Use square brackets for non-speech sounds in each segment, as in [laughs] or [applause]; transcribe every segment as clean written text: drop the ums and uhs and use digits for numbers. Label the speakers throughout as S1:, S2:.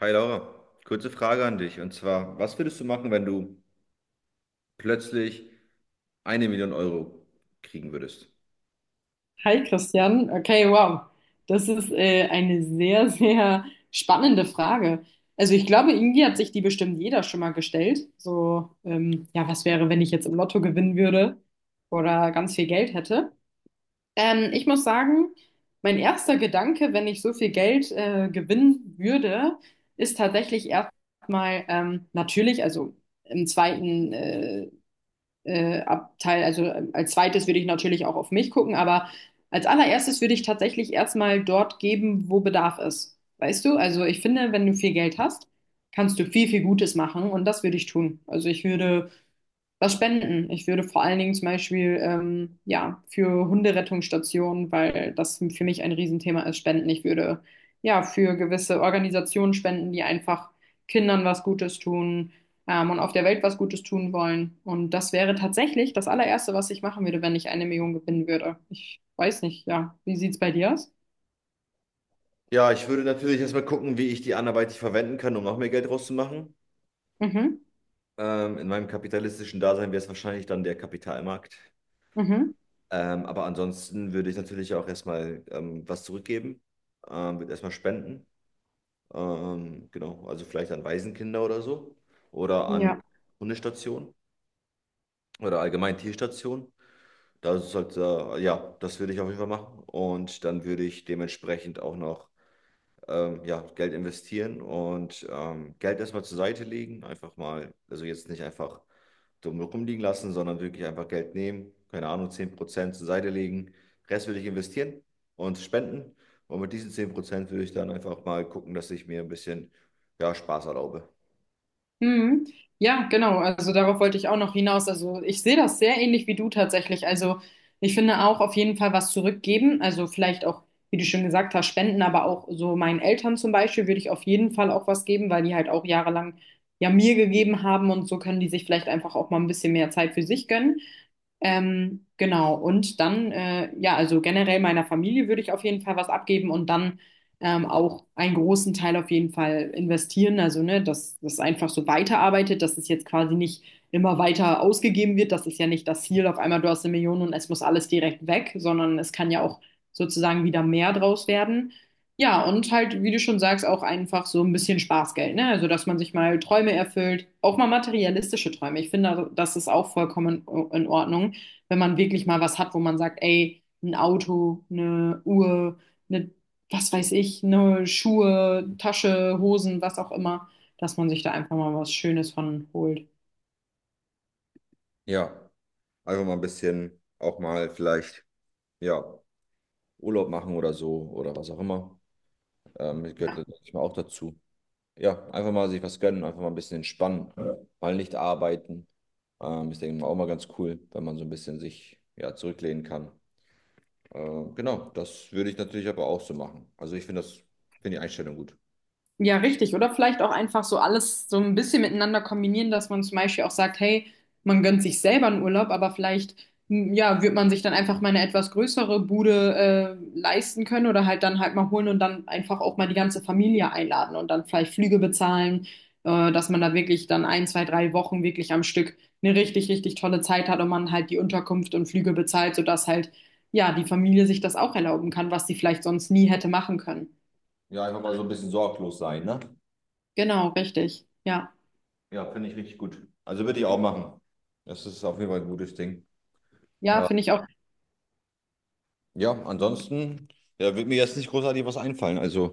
S1: Hi Laura, kurze Frage an dich. Und zwar, was würdest du machen, wenn du plötzlich 1.000.000 € kriegen würdest?
S2: Hi Christian, okay, wow. Das ist eine sehr, sehr spannende Frage. Also ich glaube, irgendwie hat sich die bestimmt jeder schon mal gestellt. So, ja, was wäre, wenn ich jetzt im Lotto gewinnen würde oder ganz viel Geld hätte? Ich muss sagen, mein erster Gedanke, wenn ich so viel Geld gewinnen würde, ist tatsächlich erstmal natürlich, also im zweiten Abteil, also als zweites würde ich natürlich auch auf mich gucken, aber als allererstes würde ich tatsächlich erstmal dort geben, wo Bedarf ist. Weißt du? Also ich finde, wenn du viel Geld hast, kannst du viel, viel Gutes machen und das würde ich tun. Also ich würde was spenden. Ich würde vor allen Dingen zum Beispiel ja, für Hunderettungsstationen, weil das für mich ein Riesenthema ist, spenden. Ich würde ja für gewisse Organisationen spenden, die einfach Kindern was Gutes tun und auf der Welt was Gutes tun wollen. Und das wäre tatsächlich das allererste, was ich machen würde, wenn ich eine Million gewinnen würde. Ich weiß nicht, ja. Wie sieht's bei dir aus?
S1: Ja, ich würde natürlich erstmal gucken, wie ich die anderweitig verwenden kann, um noch mehr Geld rauszumachen.
S2: Mhm.
S1: In meinem kapitalistischen Dasein wäre es wahrscheinlich dann der Kapitalmarkt.
S2: Mhm.
S1: Aber ansonsten würde ich natürlich auch erstmal was zurückgeben, würde erstmal spenden. Genau, also vielleicht an Waisenkinder oder so oder an
S2: Ja.
S1: Hundestationen oder allgemein Tierstationen. Das sollte ja, das würde ich auf jeden Fall machen. Und dann würde ich dementsprechend auch noch ja, Geld investieren und Geld erstmal zur Seite legen. Einfach mal, also jetzt nicht einfach dumm rumliegen lassen, sondern wirklich einfach Geld nehmen. Keine Ahnung, 10% zur Seite legen. Rest würde ich investieren und spenden. Und mit diesen 10% würde ich dann einfach mal gucken, dass ich mir ein bisschen ja, Spaß erlaube.
S2: Mhm. Ja, genau. Also darauf wollte ich auch noch hinaus. Also ich sehe das sehr ähnlich wie du tatsächlich. Also ich finde auch auf jeden Fall was zurückgeben. Also vielleicht auch, wie du schon gesagt hast, spenden, aber auch so meinen Eltern zum Beispiel würde ich auf jeden Fall auch was geben, weil die halt auch jahrelang ja mir gegeben haben und so können die sich vielleicht einfach auch mal ein bisschen mehr Zeit für sich gönnen. Genau. Und dann, ja, also generell meiner Familie würde ich auf jeden Fall was abgeben und dann auch einen großen Teil auf jeden Fall investieren. Also, ne, dass das einfach so weiterarbeitet, dass es jetzt quasi nicht immer weiter ausgegeben wird. Das ist ja nicht das Ziel, auf einmal du hast eine Million und es muss alles direkt weg, sondern es kann ja auch sozusagen wieder mehr draus werden. Ja, und halt, wie du schon sagst, auch einfach so ein bisschen Spaßgeld, ne? Also, dass man sich mal Träume erfüllt, auch mal materialistische Träume. Ich finde, also, das ist auch vollkommen in Ordnung, wenn man wirklich mal was hat, wo man sagt, ey, ein Auto, eine Uhr, eine was weiß ich, ne, Schuhe, Tasche, Hosen, was auch immer, dass man sich da einfach mal was Schönes von holt.
S1: Ja, einfach mal ein bisschen auch mal vielleicht ja, Urlaub machen oder so oder was auch immer. Das gehört
S2: Ja.
S1: manchmal auch dazu. Ja, einfach mal sich was gönnen, einfach mal ein bisschen entspannen, ja. Mal nicht arbeiten. Ist, denke ich mal, auch mal ganz cool, wenn man so ein bisschen sich ja, zurücklehnen kann. Genau, das würde ich natürlich aber auch so machen. Also ich finde das, finde die Einstellung gut.
S2: Ja, richtig. Oder vielleicht auch einfach so alles so ein bisschen miteinander kombinieren, dass man zum Beispiel auch sagt, hey, man gönnt sich selber einen Urlaub, aber vielleicht, ja, wird man sich dann einfach mal eine etwas größere Bude, leisten können oder halt dann halt mal holen und dann einfach auch mal die ganze Familie einladen und dann vielleicht Flüge bezahlen, dass man da wirklich dann ein, zwei, drei Wochen wirklich am Stück eine richtig, richtig tolle Zeit hat und man halt die Unterkunft und Flüge bezahlt, sodass halt, ja, die Familie sich das auch erlauben kann, was sie vielleicht sonst nie hätte machen können.
S1: Ja, einfach mal so ein bisschen sorglos sein, ne?
S2: Genau, richtig. Ja.
S1: Ja, finde ich richtig gut. Also würde ich auch machen. Das ist auf jeden Fall ein gutes Ding.
S2: Ja,
S1: Äh,
S2: finde ich auch.
S1: ja, ansonsten, ja, wird mir jetzt nicht großartig was einfallen. Also,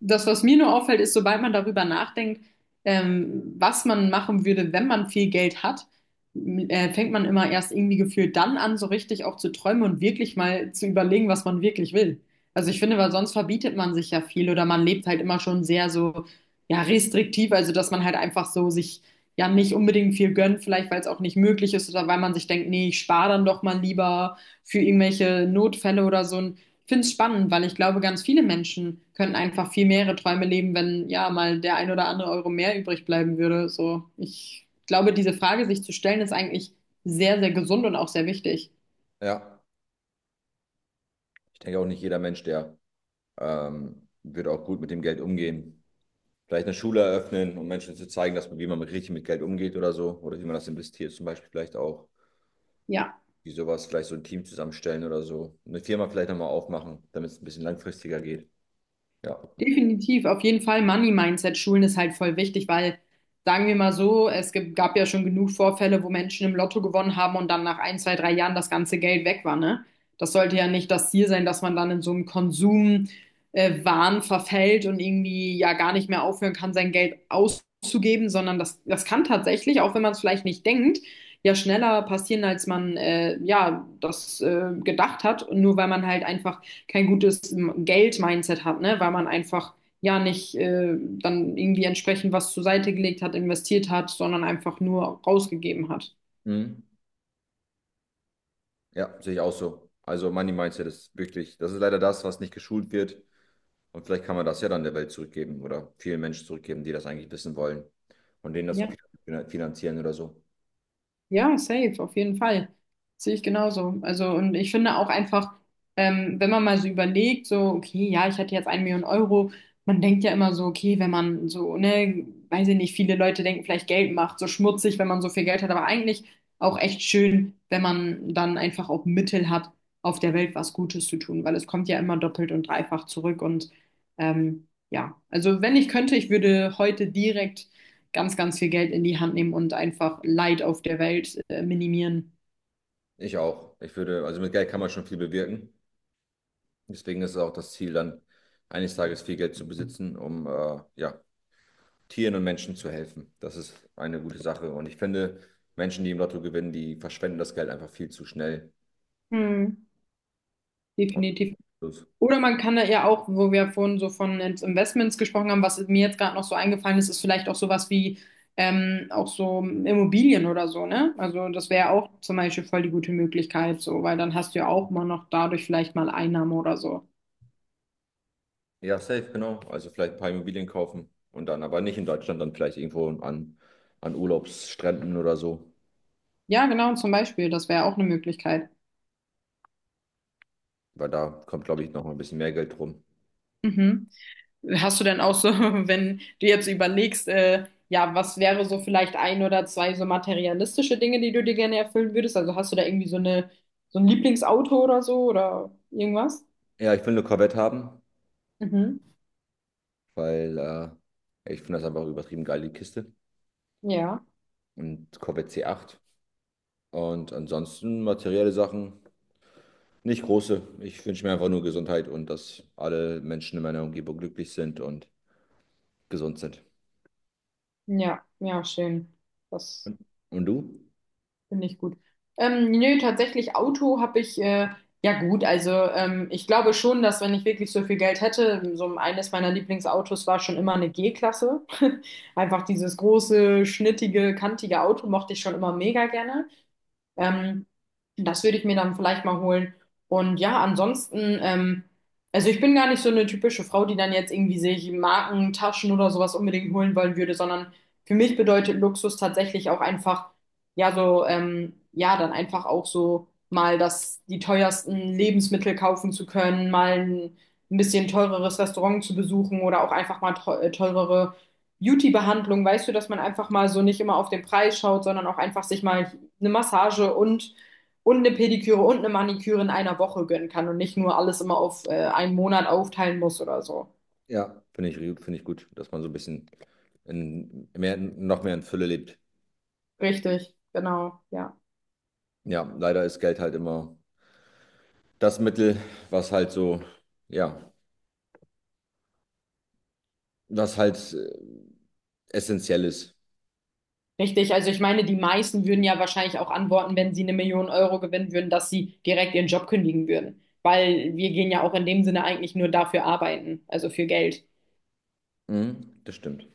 S2: Das, was mir nur auffällt, ist, sobald man darüber nachdenkt, was man machen würde, wenn man viel Geld hat, fängt man immer erst irgendwie gefühlt dann an, so richtig auch zu träumen und wirklich mal zu überlegen, was man wirklich will. Also ich finde, weil sonst verbietet man sich ja viel oder man lebt halt immer schon sehr so, ja, restriktiv, also dass man halt einfach so sich ja nicht unbedingt viel gönnt, vielleicht weil es auch nicht möglich ist oder weil man sich denkt, nee, ich spare dann doch mal lieber für irgendwelche Notfälle oder so. Finde es spannend, weil ich glaube, ganz viele Menschen könnten einfach viel mehrere Träume leben, wenn ja mal der ein oder andere Euro mehr übrig bleiben würde. So, ich glaube, diese Frage sich zu stellen, ist eigentlich sehr, sehr gesund und auch sehr wichtig.
S1: ja, ich denke auch nicht jeder Mensch, der wird auch gut mit dem Geld umgehen. Vielleicht eine Schule eröffnen, um Menschen zu zeigen, dass man, wie man richtig mit Geld umgeht oder so. Oder wie man das investiert, zum Beispiel vielleicht auch.
S2: Ja.
S1: Wie sowas, vielleicht so ein Team zusammenstellen oder so. Eine Firma vielleicht nochmal aufmachen, damit es ein bisschen langfristiger geht. Ja.
S2: Definitiv, auf jeden Fall Money-Mindset-Schulen ist halt voll wichtig, weil, sagen wir mal so, es gibt, gab ja schon genug Vorfälle, wo Menschen im Lotto gewonnen haben und dann nach ein, zwei, drei Jahren das ganze Geld weg war, ne? Das sollte ja nicht das Ziel sein, dass man dann in so einem Konsum, Wahn verfällt und irgendwie ja gar nicht mehr aufhören kann, sein Geld auszugeben, sondern das kann tatsächlich, auch wenn man es vielleicht nicht denkt, ja schneller passieren, als man ja das gedacht hat, nur weil man halt einfach kein gutes Geld-Mindset hat, ne? Weil man einfach ja nicht dann irgendwie entsprechend was zur Seite gelegt hat, investiert hat, sondern einfach nur rausgegeben hat.
S1: Mhm. Ja, sehe ich auch so. Also Money Mindset ist wirklich, das ist leider das, was nicht geschult wird. Und vielleicht kann man das ja dann der Welt zurückgeben oder vielen Menschen zurückgeben, die das eigentlich wissen wollen und denen das
S2: Ja.
S1: finanzieren oder so.
S2: Ja, safe, auf jeden Fall. Sehe ich genauso. Also, und ich finde auch einfach, wenn man mal so überlegt, so, okay, ja, ich hatte jetzt eine Million Euro, man denkt ja immer so, okay, wenn man so, ne, weiß ich nicht, viele Leute denken vielleicht Geld macht so schmutzig, wenn man so viel Geld hat, aber eigentlich auch echt schön, wenn man dann einfach auch Mittel hat, auf der Welt was Gutes zu tun, weil es kommt ja immer doppelt und dreifach zurück und ja, also wenn ich könnte, ich würde heute direkt ganz, ganz viel Geld in die Hand nehmen und einfach Leid auf der Welt minimieren.
S1: Ich auch. Ich würde, also mit Geld kann man schon viel bewirken. Deswegen ist es auch das Ziel, dann eines Tages viel Geld zu besitzen, um ja, Tieren und Menschen zu helfen. Das ist eine gute Sache. Und ich finde, Menschen, die im Lotto gewinnen, die verschwenden das Geld einfach viel zu schnell.
S2: Hm.
S1: Und
S2: Definitiv.
S1: das-
S2: Oder man kann da ja auch, wo wir vorhin so von jetzt Investments gesprochen haben, was mir jetzt gerade noch so eingefallen ist, ist vielleicht auch sowas wie auch so Immobilien oder so, ne? Also das wäre ja auch zum Beispiel voll die gute Möglichkeit, so, weil dann hast du ja auch mal noch dadurch vielleicht mal Einnahmen oder so.
S1: Ja, safe, genau. Also vielleicht ein paar Immobilien kaufen und dann aber nicht in Deutschland, dann vielleicht irgendwo an, an Urlaubsstränden oder so,
S2: Ja, genau, zum Beispiel, das wäre auch eine Möglichkeit.
S1: weil da kommt, glaube ich, noch mal ein bisschen mehr Geld rum.
S2: Mhm. Hast du denn auch so, [laughs] wenn du jetzt überlegst, ja, was wäre so vielleicht ein oder zwei so materialistische Dinge, die du dir gerne erfüllen würdest? Also hast du da irgendwie so eine, so ein Lieblingsauto oder so oder irgendwas?
S1: Ja, ich will eine Corvette haben,
S2: Mhm.
S1: weil ich finde das einfach übertrieben geil, die Kiste.
S2: Ja,
S1: Und Corvette C8. Und ansonsten materielle Sachen, nicht große. Ich wünsche mir einfach nur Gesundheit und dass alle Menschen in meiner Umgebung glücklich sind und gesund sind.
S2: ja, ja, schön. Das.
S1: Und du?
S2: Finde ich gut. Nö, tatsächlich Auto habe ich, ja gut, also ich glaube schon, dass wenn ich wirklich so viel Geld hätte, so eines meiner Lieblingsautos war schon immer eine G-Klasse. [laughs] Einfach dieses große, schnittige, kantige Auto mochte ich schon immer mega gerne. Ähm, Das würde ich mir dann vielleicht mal holen. Und ja, ansonsten, also ich bin gar nicht so eine typische Frau, die dann jetzt irgendwie sich Marken, Taschen oder sowas unbedingt holen wollen würde, sondern für mich bedeutet Luxus tatsächlich auch einfach, ja, so, ja, dann einfach auch so mal die teuersten Lebensmittel kaufen zu können, mal ein bisschen teureres Restaurant zu besuchen oder auch einfach mal teurere Beauty-Behandlung, weißt du, dass man einfach mal so nicht immer auf den Preis schaut, sondern auch einfach sich mal eine Massage und eine Pediküre und eine Maniküre in einer Woche gönnen kann und nicht nur alles immer auf einen Monat aufteilen muss oder so.
S1: Ja, finde ich gut, dass man so ein bisschen in mehr, noch mehr in Fülle lebt.
S2: Richtig, genau, ja.
S1: Ja, leider ist Geld halt immer das Mittel, was halt so, ja, was halt essentiell ist.
S2: Richtig, also ich meine, die meisten würden ja wahrscheinlich auch antworten, wenn sie eine Million Euro gewinnen würden, dass sie direkt ihren Job kündigen würden. Weil wir gehen ja auch in dem Sinne eigentlich nur dafür arbeiten, also für Geld.
S1: Mhm, das stimmt.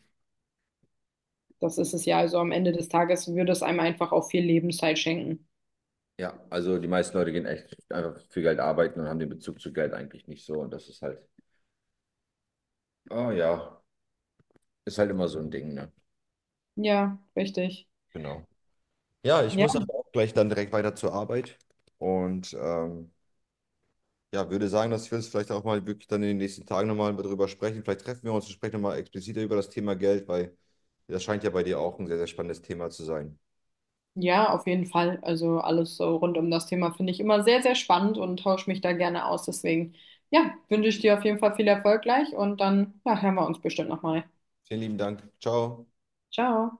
S2: Das ist es ja. Also am Ende des Tages würde es einem einfach auch viel Lebenszeit schenken.
S1: Ja, also die meisten Leute gehen echt einfach für Geld arbeiten und haben den Bezug zu Geld eigentlich nicht so. Und das ist halt, oh ja, ist halt immer so ein Ding, ne?
S2: Ja, richtig.
S1: Genau. Ja, ich
S2: Ja.
S1: muss aber auch gleich dann direkt weiter zur Arbeit. Und ja, würde sagen, dass wir uns vielleicht auch mal wirklich dann in den nächsten Tagen nochmal darüber sprechen. Vielleicht treffen wir uns und sprechen nochmal expliziter über das Thema Geld, weil das scheint ja bei dir auch ein sehr, sehr spannendes Thema zu sein.
S2: Ja, auf jeden Fall. Also alles so rund um das Thema finde ich immer sehr, sehr spannend und tausche mich da gerne aus. Deswegen, ja, wünsche ich dir auf jeden Fall viel Erfolg gleich und dann, ja, hören wir uns bestimmt nochmal.
S1: Vielen lieben Dank. Ciao.
S2: Ciao.